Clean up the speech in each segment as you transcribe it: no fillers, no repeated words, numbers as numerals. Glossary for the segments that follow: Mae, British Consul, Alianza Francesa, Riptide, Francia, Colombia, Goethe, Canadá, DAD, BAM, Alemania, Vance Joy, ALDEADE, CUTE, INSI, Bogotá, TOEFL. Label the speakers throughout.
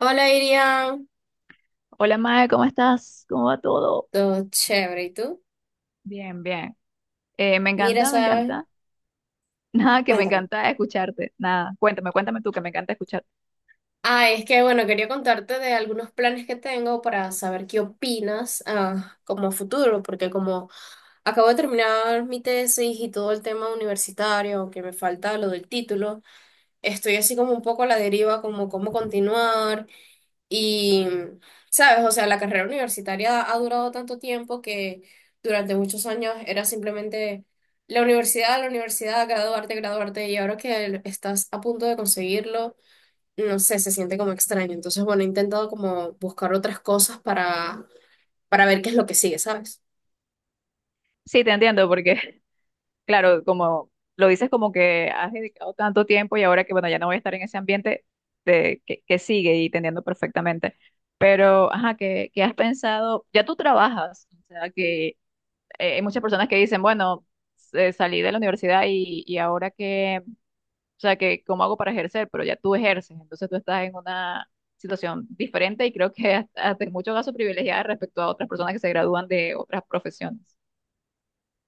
Speaker 1: Hola Irian,
Speaker 2: Hola Mae, ¿cómo estás? ¿Cómo va todo?
Speaker 1: todo chévere, ¿y tú?
Speaker 2: Bien, bien. Me
Speaker 1: Mira,
Speaker 2: encanta, me
Speaker 1: ¿sabes?
Speaker 2: encanta. Nada, que me
Speaker 1: Cuéntame.
Speaker 2: encanta escucharte. Nada, cuéntame, cuéntame tú, que me encanta escucharte.
Speaker 1: Es que bueno, quería contarte de algunos planes que tengo para saber qué opinas como a futuro, porque como acabo de terminar mi tesis y todo el tema universitario, que me falta lo del título, estoy así como un poco a la deriva, como cómo continuar. Y, sabes, o sea, la carrera universitaria ha durado tanto tiempo que durante muchos años era simplemente la universidad, graduarte, graduarte, y ahora que estás a punto de conseguirlo, no sé, se siente como extraño. Entonces, bueno, he intentado como buscar otras cosas para ver qué es lo que sigue, ¿sabes?
Speaker 2: Sí, te entiendo, porque, claro, como lo dices, como que has dedicado tanto tiempo y ahora que, bueno, ya no voy a estar en ese ambiente de, que sigue, y te entiendo perfectamente. Pero, ajá, ¿qué has pensado? Ya tú trabajas, o sea, que hay muchas personas que dicen, bueno, salí de la universidad y ahora que… O sea, que cómo hago para ejercer, pero ya tú ejerces, entonces tú estás en una situación diferente y creo que hasta, hasta en muchos casos privilegiada respecto a otras personas que se gradúan de otras profesiones.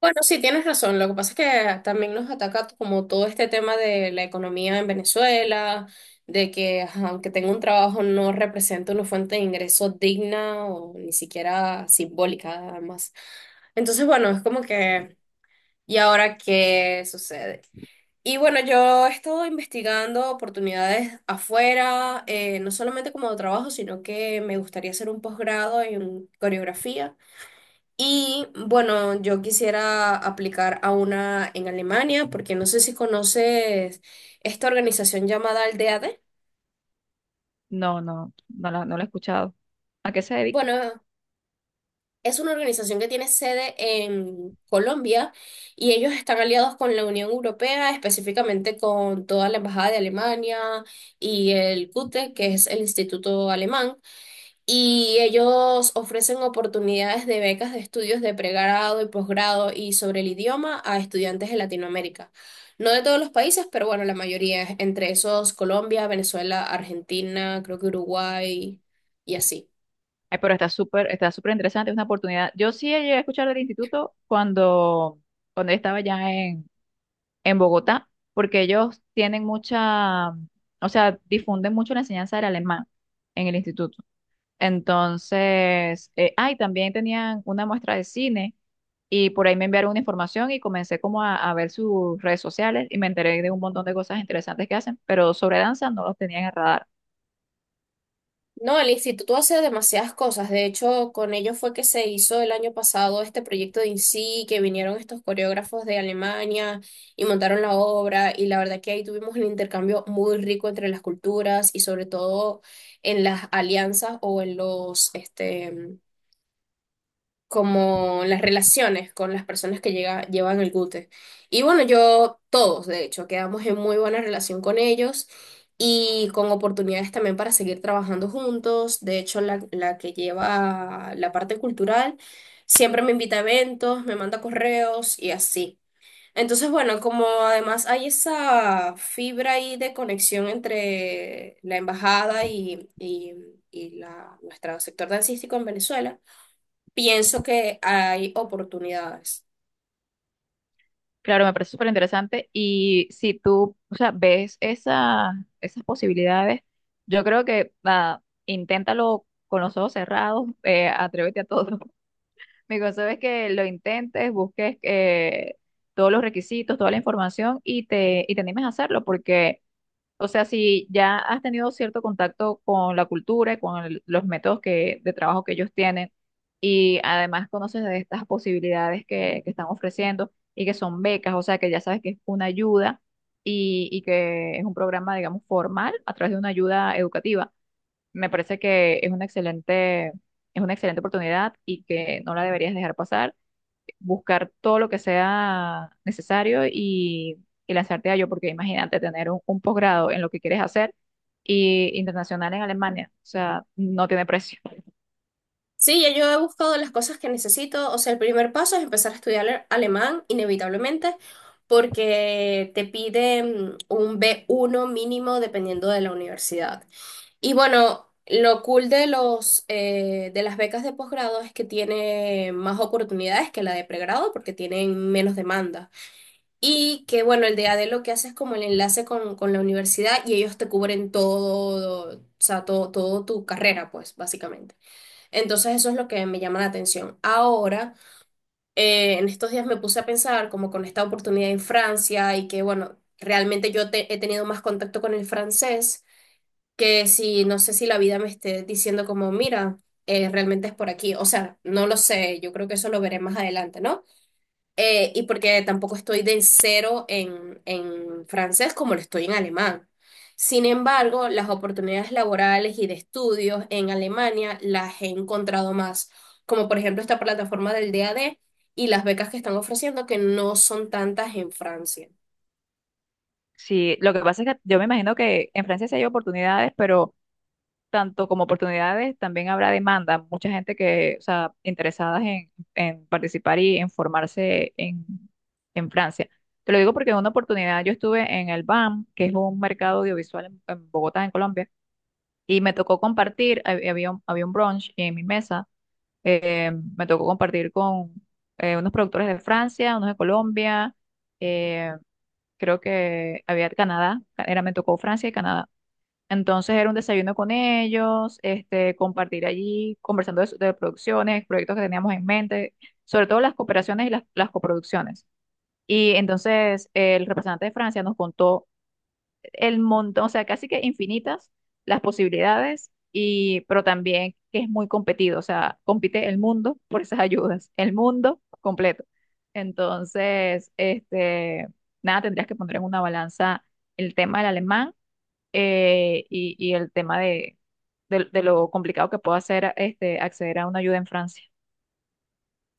Speaker 1: Bueno, sí, tienes razón. Lo que pasa es que también nos ataca como todo este tema de la economía en Venezuela, de que ajá, aunque tenga un trabajo no representa una fuente de ingreso digna o ni siquiera simbólica, además. Entonces, bueno, es como que, ¿y ahora qué sucede? Y bueno, yo he estado investigando oportunidades afuera, no solamente como de trabajo, sino que me gustaría hacer un posgrado en coreografía. Y bueno, yo quisiera aplicar a una en Alemania, porque no sé si conoces esta organización llamada ALDEADE.
Speaker 2: No, no la he escuchado. ¿A qué se dedica?
Speaker 1: Bueno, es una organización que tiene sede en Colombia y ellos están aliados con la Unión Europea, específicamente con toda la Embajada de Alemania y el CUTE, que es el Instituto Alemán. Y ellos ofrecen oportunidades de becas de estudios de pregrado y posgrado y sobre el idioma a estudiantes de Latinoamérica. No de todos los países, pero bueno, la mayoría, entre esos Colombia, Venezuela, Argentina, creo que Uruguay y así.
Speaker 2: Ay, pero está súper interesante, es una oportunidad. Yo sí llegué a escuchar del instituto cuando, cuando yo estaba ya en Bogotá, porque ellos tienen mucha, o sea, difunden mucho la enseñanza del alemán en el instituto. Entonces, ay, también tenían una muestra de cine, y por ahí me enviaron una información y comencé como a ver sus redes sociales, y me enteré de un montón de cosas interesantes que hacen, pero sobre danza no los tenía en el radar.
Speaker 1: No, el instituto hace demasiadas cosas. De hecho, con ellos fue que se hizo el año pasado este proyecto de INSI, que vinieron estos coreógrafos de Alemania y montaron la obra. Y la verdad que ahí tuvimos un intercambio muy rico entre las culturas y sobre todo en las alianzas o en como las relaciones con las personas que llevan el Gute. Y bueno, yo, todos, de hecho, quedamos en muy buena relación con ellos y con oportunidades también para seguir trabajando juntos. De hecho, la que lleva la parte cultural siempre me invita a eventos, me manda correos y así. Entonces, bueno, como además hay esa fibra ahí de conexión entre la embajada y nuestro sector dancístico en Venezuela, pienso que hay oportunidades.
Speaker 2: Claro, me parece súper interesante, y si tú, o sea, ves esa, esas posibilidades, yo creo que nada, inténtalo con los ojos cerrados, atrévete a todo. Mi consejo es que lo intentes, busques todos los requisitos, toda la información, y te animes a hacerlo, porque, o sea, si ya has tenido cierto contacto con la cultura y con los métodos que, de trabajo que ellos tienen, y además conoces de estas posibilidades que están ofreciendo y que son becas, o sea, que ya sabes que es una ayuda y que es un programa, digamos, formal a través de una ayuda educativa. Me parece que es una excelente oportunidad y que no la deberías dejar pasar. Buscar todo lo que sea necesario y lanzarte a ello, porque imagínate tener un posgrado en lo que quieres hacer, y internacional en Alemania. O sea, no tiene precio.
Speaker 1: Sí, ya yo he buscado las cosas que necesito. O sea, el primer paso es empezar a estudiar alemán, inevitablemente, porque te piden un B1 mínimo dependiendo de la universidad. Y bueno, lo cool de de las becas de posgrado es que tiene más oportunidades que la de pregrado porque tienen menos demanda. Y que bueno, el de ADE lo que hace es como el enlace con la universidad y ellos te cubren todo, o sea, todo, todo tu carrera, pues, básicamente. Entonces eso es lo que me llama la atención. Ahora, en estos días me puse a pensar como con esta oportunidad en Francia y que bueno, realmente yo he tenido más contacto con el francés que si, no sé si la vida me esté diciendo como, mira, realmente es por aquí. O sea, no lo sé, yo creo que eso lo veré más adelante, ¿no? Y porque tampoco estoy del cero en francés como lo estoy en alemán. Sin embargo, las oportunidades laborales y de estudios en Alemania las he encontrado más, como por ejemplo esta plataforma del DAD y las becas que están ofreciendo que no son tantas en Francia.
Speaker 2: Sí, lo que pasa es que yo me imagino que en Francia sí hay oportunidades, pero tanto como oportunidades, también habrá demanda. Mucha gente que, o sea, interesadas en participar y en formarse en Francia. Te lo digo porque en una oportunidad yo estuve en el BAM, que es un mercado audiovisual en Bogotá, en Colombia, y me tocó compartir, había un brunch en mi mesa, me tocó compartir con unos productores de Francia, unos de Colombia, eh, creo que había de Canadá, era, me tocó Francia y Canadá. Entonces era un desayuno con ellos, este, compartir allí, conversando de, de producciones, proyectos que teníamos en mente, sobre todo las cooperaciones y las coproducciones. Y entonces el representante de Francia nos contó el montón, o sea, casi que infinitas las posibilidades, y, pero también que es muy competido, o sea, compite el mundo por esas ayudas, el mundo completo. Entonces, este, nada, tendrías que poner en una balanza el tema del alemán, y el tema de, de lo complicado que puede ser este, acceder a una ayuda en Francia.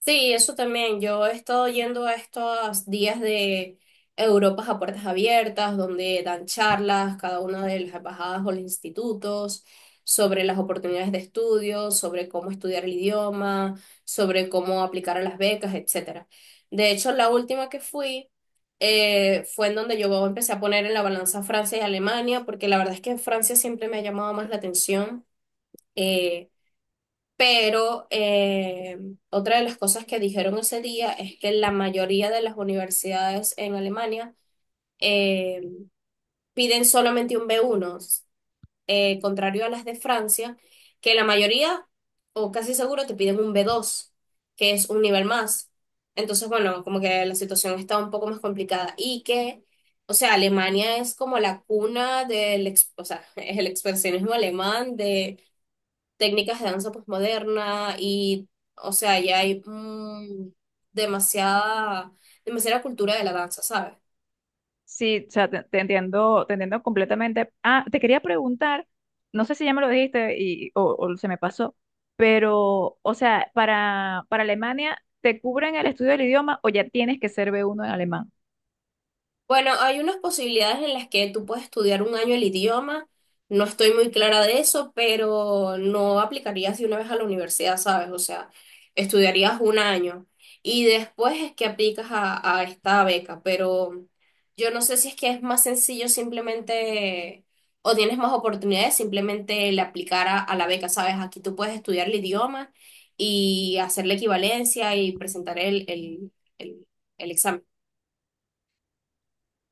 Speaker 1: Sí, eso también. Yo he estado yendo a estos días de Europas a puertas abiertas, donde dan charlas cada una de las embajadas o los institutos sobre las oportunidades de estudio, sobre cómo estudiar el idioma, sobre cómo aplicar a las becas, etcétera. De hecho, la última que fui fue en donde yo empecé a poner en la balanza Francia y Alemania, porque la verdad es que Francia siempre me ha llamado más la atención. eh, pero otra de las cosas que dijeron ese día es que la mayoría de las universidades en Alemania eh, piden solamente un B1, contrario a las de Francia, que la mayoría, o casi seguro, te piden un B2, que es un nivel más. Entonces, bueno, como que la situación está un poco más complicada y que, o sea, Alemania es como la cuna del, o sea, es el expresionismo alemán de técnicas de danza posmoderna y, o sea, ya hay demasiada, demasiada cultura de la danza, ¿sabes?
Speaker 2: Sí, o sea, te, te entiendo completamente. Ah, te quería preguntar, no sé si ya me lo dijiste y, o se me pasó, pero, o sea, para Alemania, ¿te cubren el estudio del idioma o ya tienes que ser B1 en alemán?
Speaker 1: Bueno, hay unas posibilidades en las que tú puedes estudiar un año el idioma. No estoy muy clara de eso, pero no aplicarías de una vez a la universidad, ¿sabes? O sea, estudiarías un año y después es que aplicas a esta beca, pero yo no sé si es que es más sencillo simplemente o tienes más oportunidades simplemente el aplicar a la beca, ¿sabes? Aquí tú puedes estudiar el idioma y hacer la equivalencia y presentar el el examen.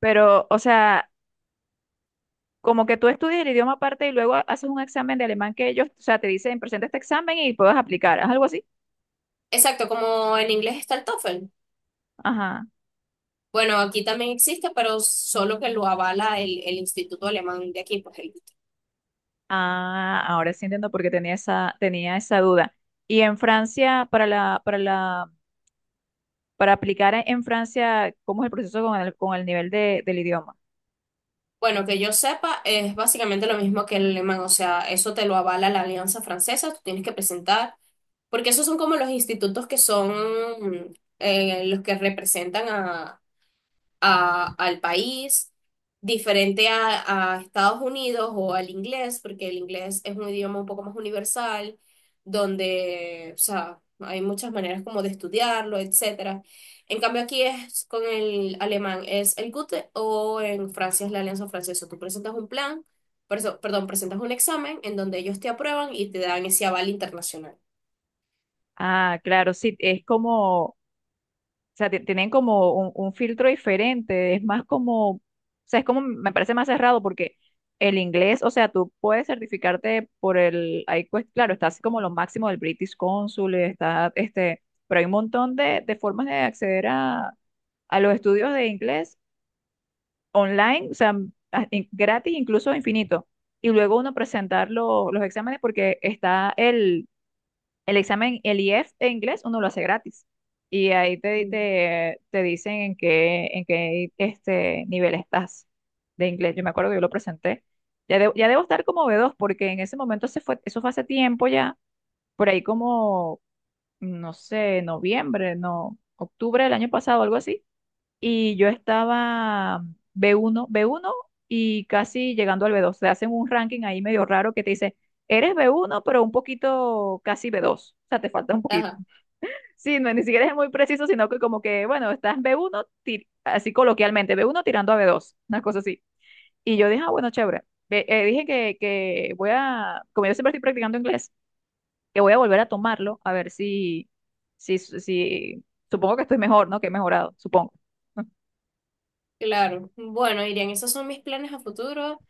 Speaker 2: Pero, o sea, como que tú estudias el idioma aparte y luego haces un examen de alemán que ellos, o sea, te dicen, presenta este examen y puedes aplicar, ¿es algo así?
Speaker 1: Exacto, como en inglés está el TOEFL.
Speaker 2: Ajá.
Speaker 1: Bueno, aquí también existe, pero solo que lo avala el Instituto Alemán de aquí, pues el-
Speaker 2: Ah, ahora sí entiendo por qué tenía esa duda. Y en Francia, para la, para la, para aplicar en Francia, ¿cómo es el proceso con el nivel de, del idioma?
Speaker 1: Bueno, que yo sepa, es básicamente lo mismo que el alemán, o sea, eso te lo avala la Alianza Francesa, tú tienes que presentar, porque esos son como los institutos que son los que representan al país, diferente a Estados Unidos o al inglés, porque el inglés es un idioma un poco más universal, donde, o sea, hay muchas maneras como de estudiarlo, etcétera. En cambio aquí es con el alemán, es el Goethe o en Francia es la Alianza Francesa. Tú presentas un plan, perdón, presentas un examen en donde ellos te aprueban y te dan ese aval internacional.
Speaker 2: Ah, claro, sí, es como, o sea, tienen como un filtro diferente, es más como, o sea, es como, me parece más cerrado porque el inglés, o sea, tú puedes certificarte por el, ahí pues, claro, está así como lo máximo del British Consul, está, este, pero hay un montón de formas de acceder a los estudios de inglés online, o sea, gratis, incluso infinito. Y luego uno presentar los exámenes porque está el examen, el IF en inglés, uno lo hace gratis. Y ahí te,
Speaker 1: Mm.
Speaker 2: te, te dicen en qué este nivel estás de inglés. Yo me acuerdo que yo lo presenté. Ya, ya debo estar como B2 porque en ese momento se fue, eso fue hace tiempo ya, por ahí como, no sé, noviembre, no, octubre del año pasado, algo así, y yo estaba B1, B1 y casi llegando al B2. Te hacen un ranking ahí medio raro que te dice, eres B1, pero un poquito casi B2. O sea, te falta un poquito.
Speaker 1: Ajá,
Speaker 2: Sí, no, ni siquiera es muy preciso, sino que como que, bueno, estás B1, así coloquialmente, B1 tirando a B2, una cosa así. Y yo dije, ah, bueno, chévere. Dije que voy a, como yo siempre estoy practicando inglés, que voy a volver a tomarlo, a ver si, si, si, supongo que estoy mejor, ¿no? Que he mejorado, supongo.
Speaker 1: claro. Bueno, Irian, esos son mis planes a futuro.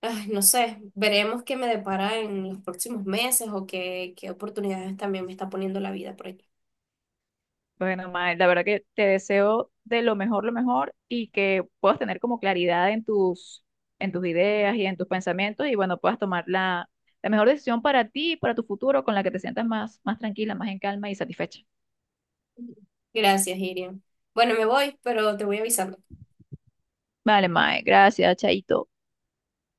Speaker 1: Ay, no sé, veremos qué me depara en los próximos meses o qué oportunidades también me está poniendo la vida por aquí.
Speaker 2: Bueno, Mae, la verdad que te deseo de lo mejor, lo mejor, y que puedas tener como claridad en tus ideas y en tus pensamientos, y bueno, puedas tomar la, la mejor decisión para ti y para tu futuro, con la que te sientas más, más tranquila, más en calma y satisfecha.
Speaker 1: Gracias, Irian. Bueno, me voy, pero te voy avisando.
Speaker 2: Vale, Mae, gracias, chaito.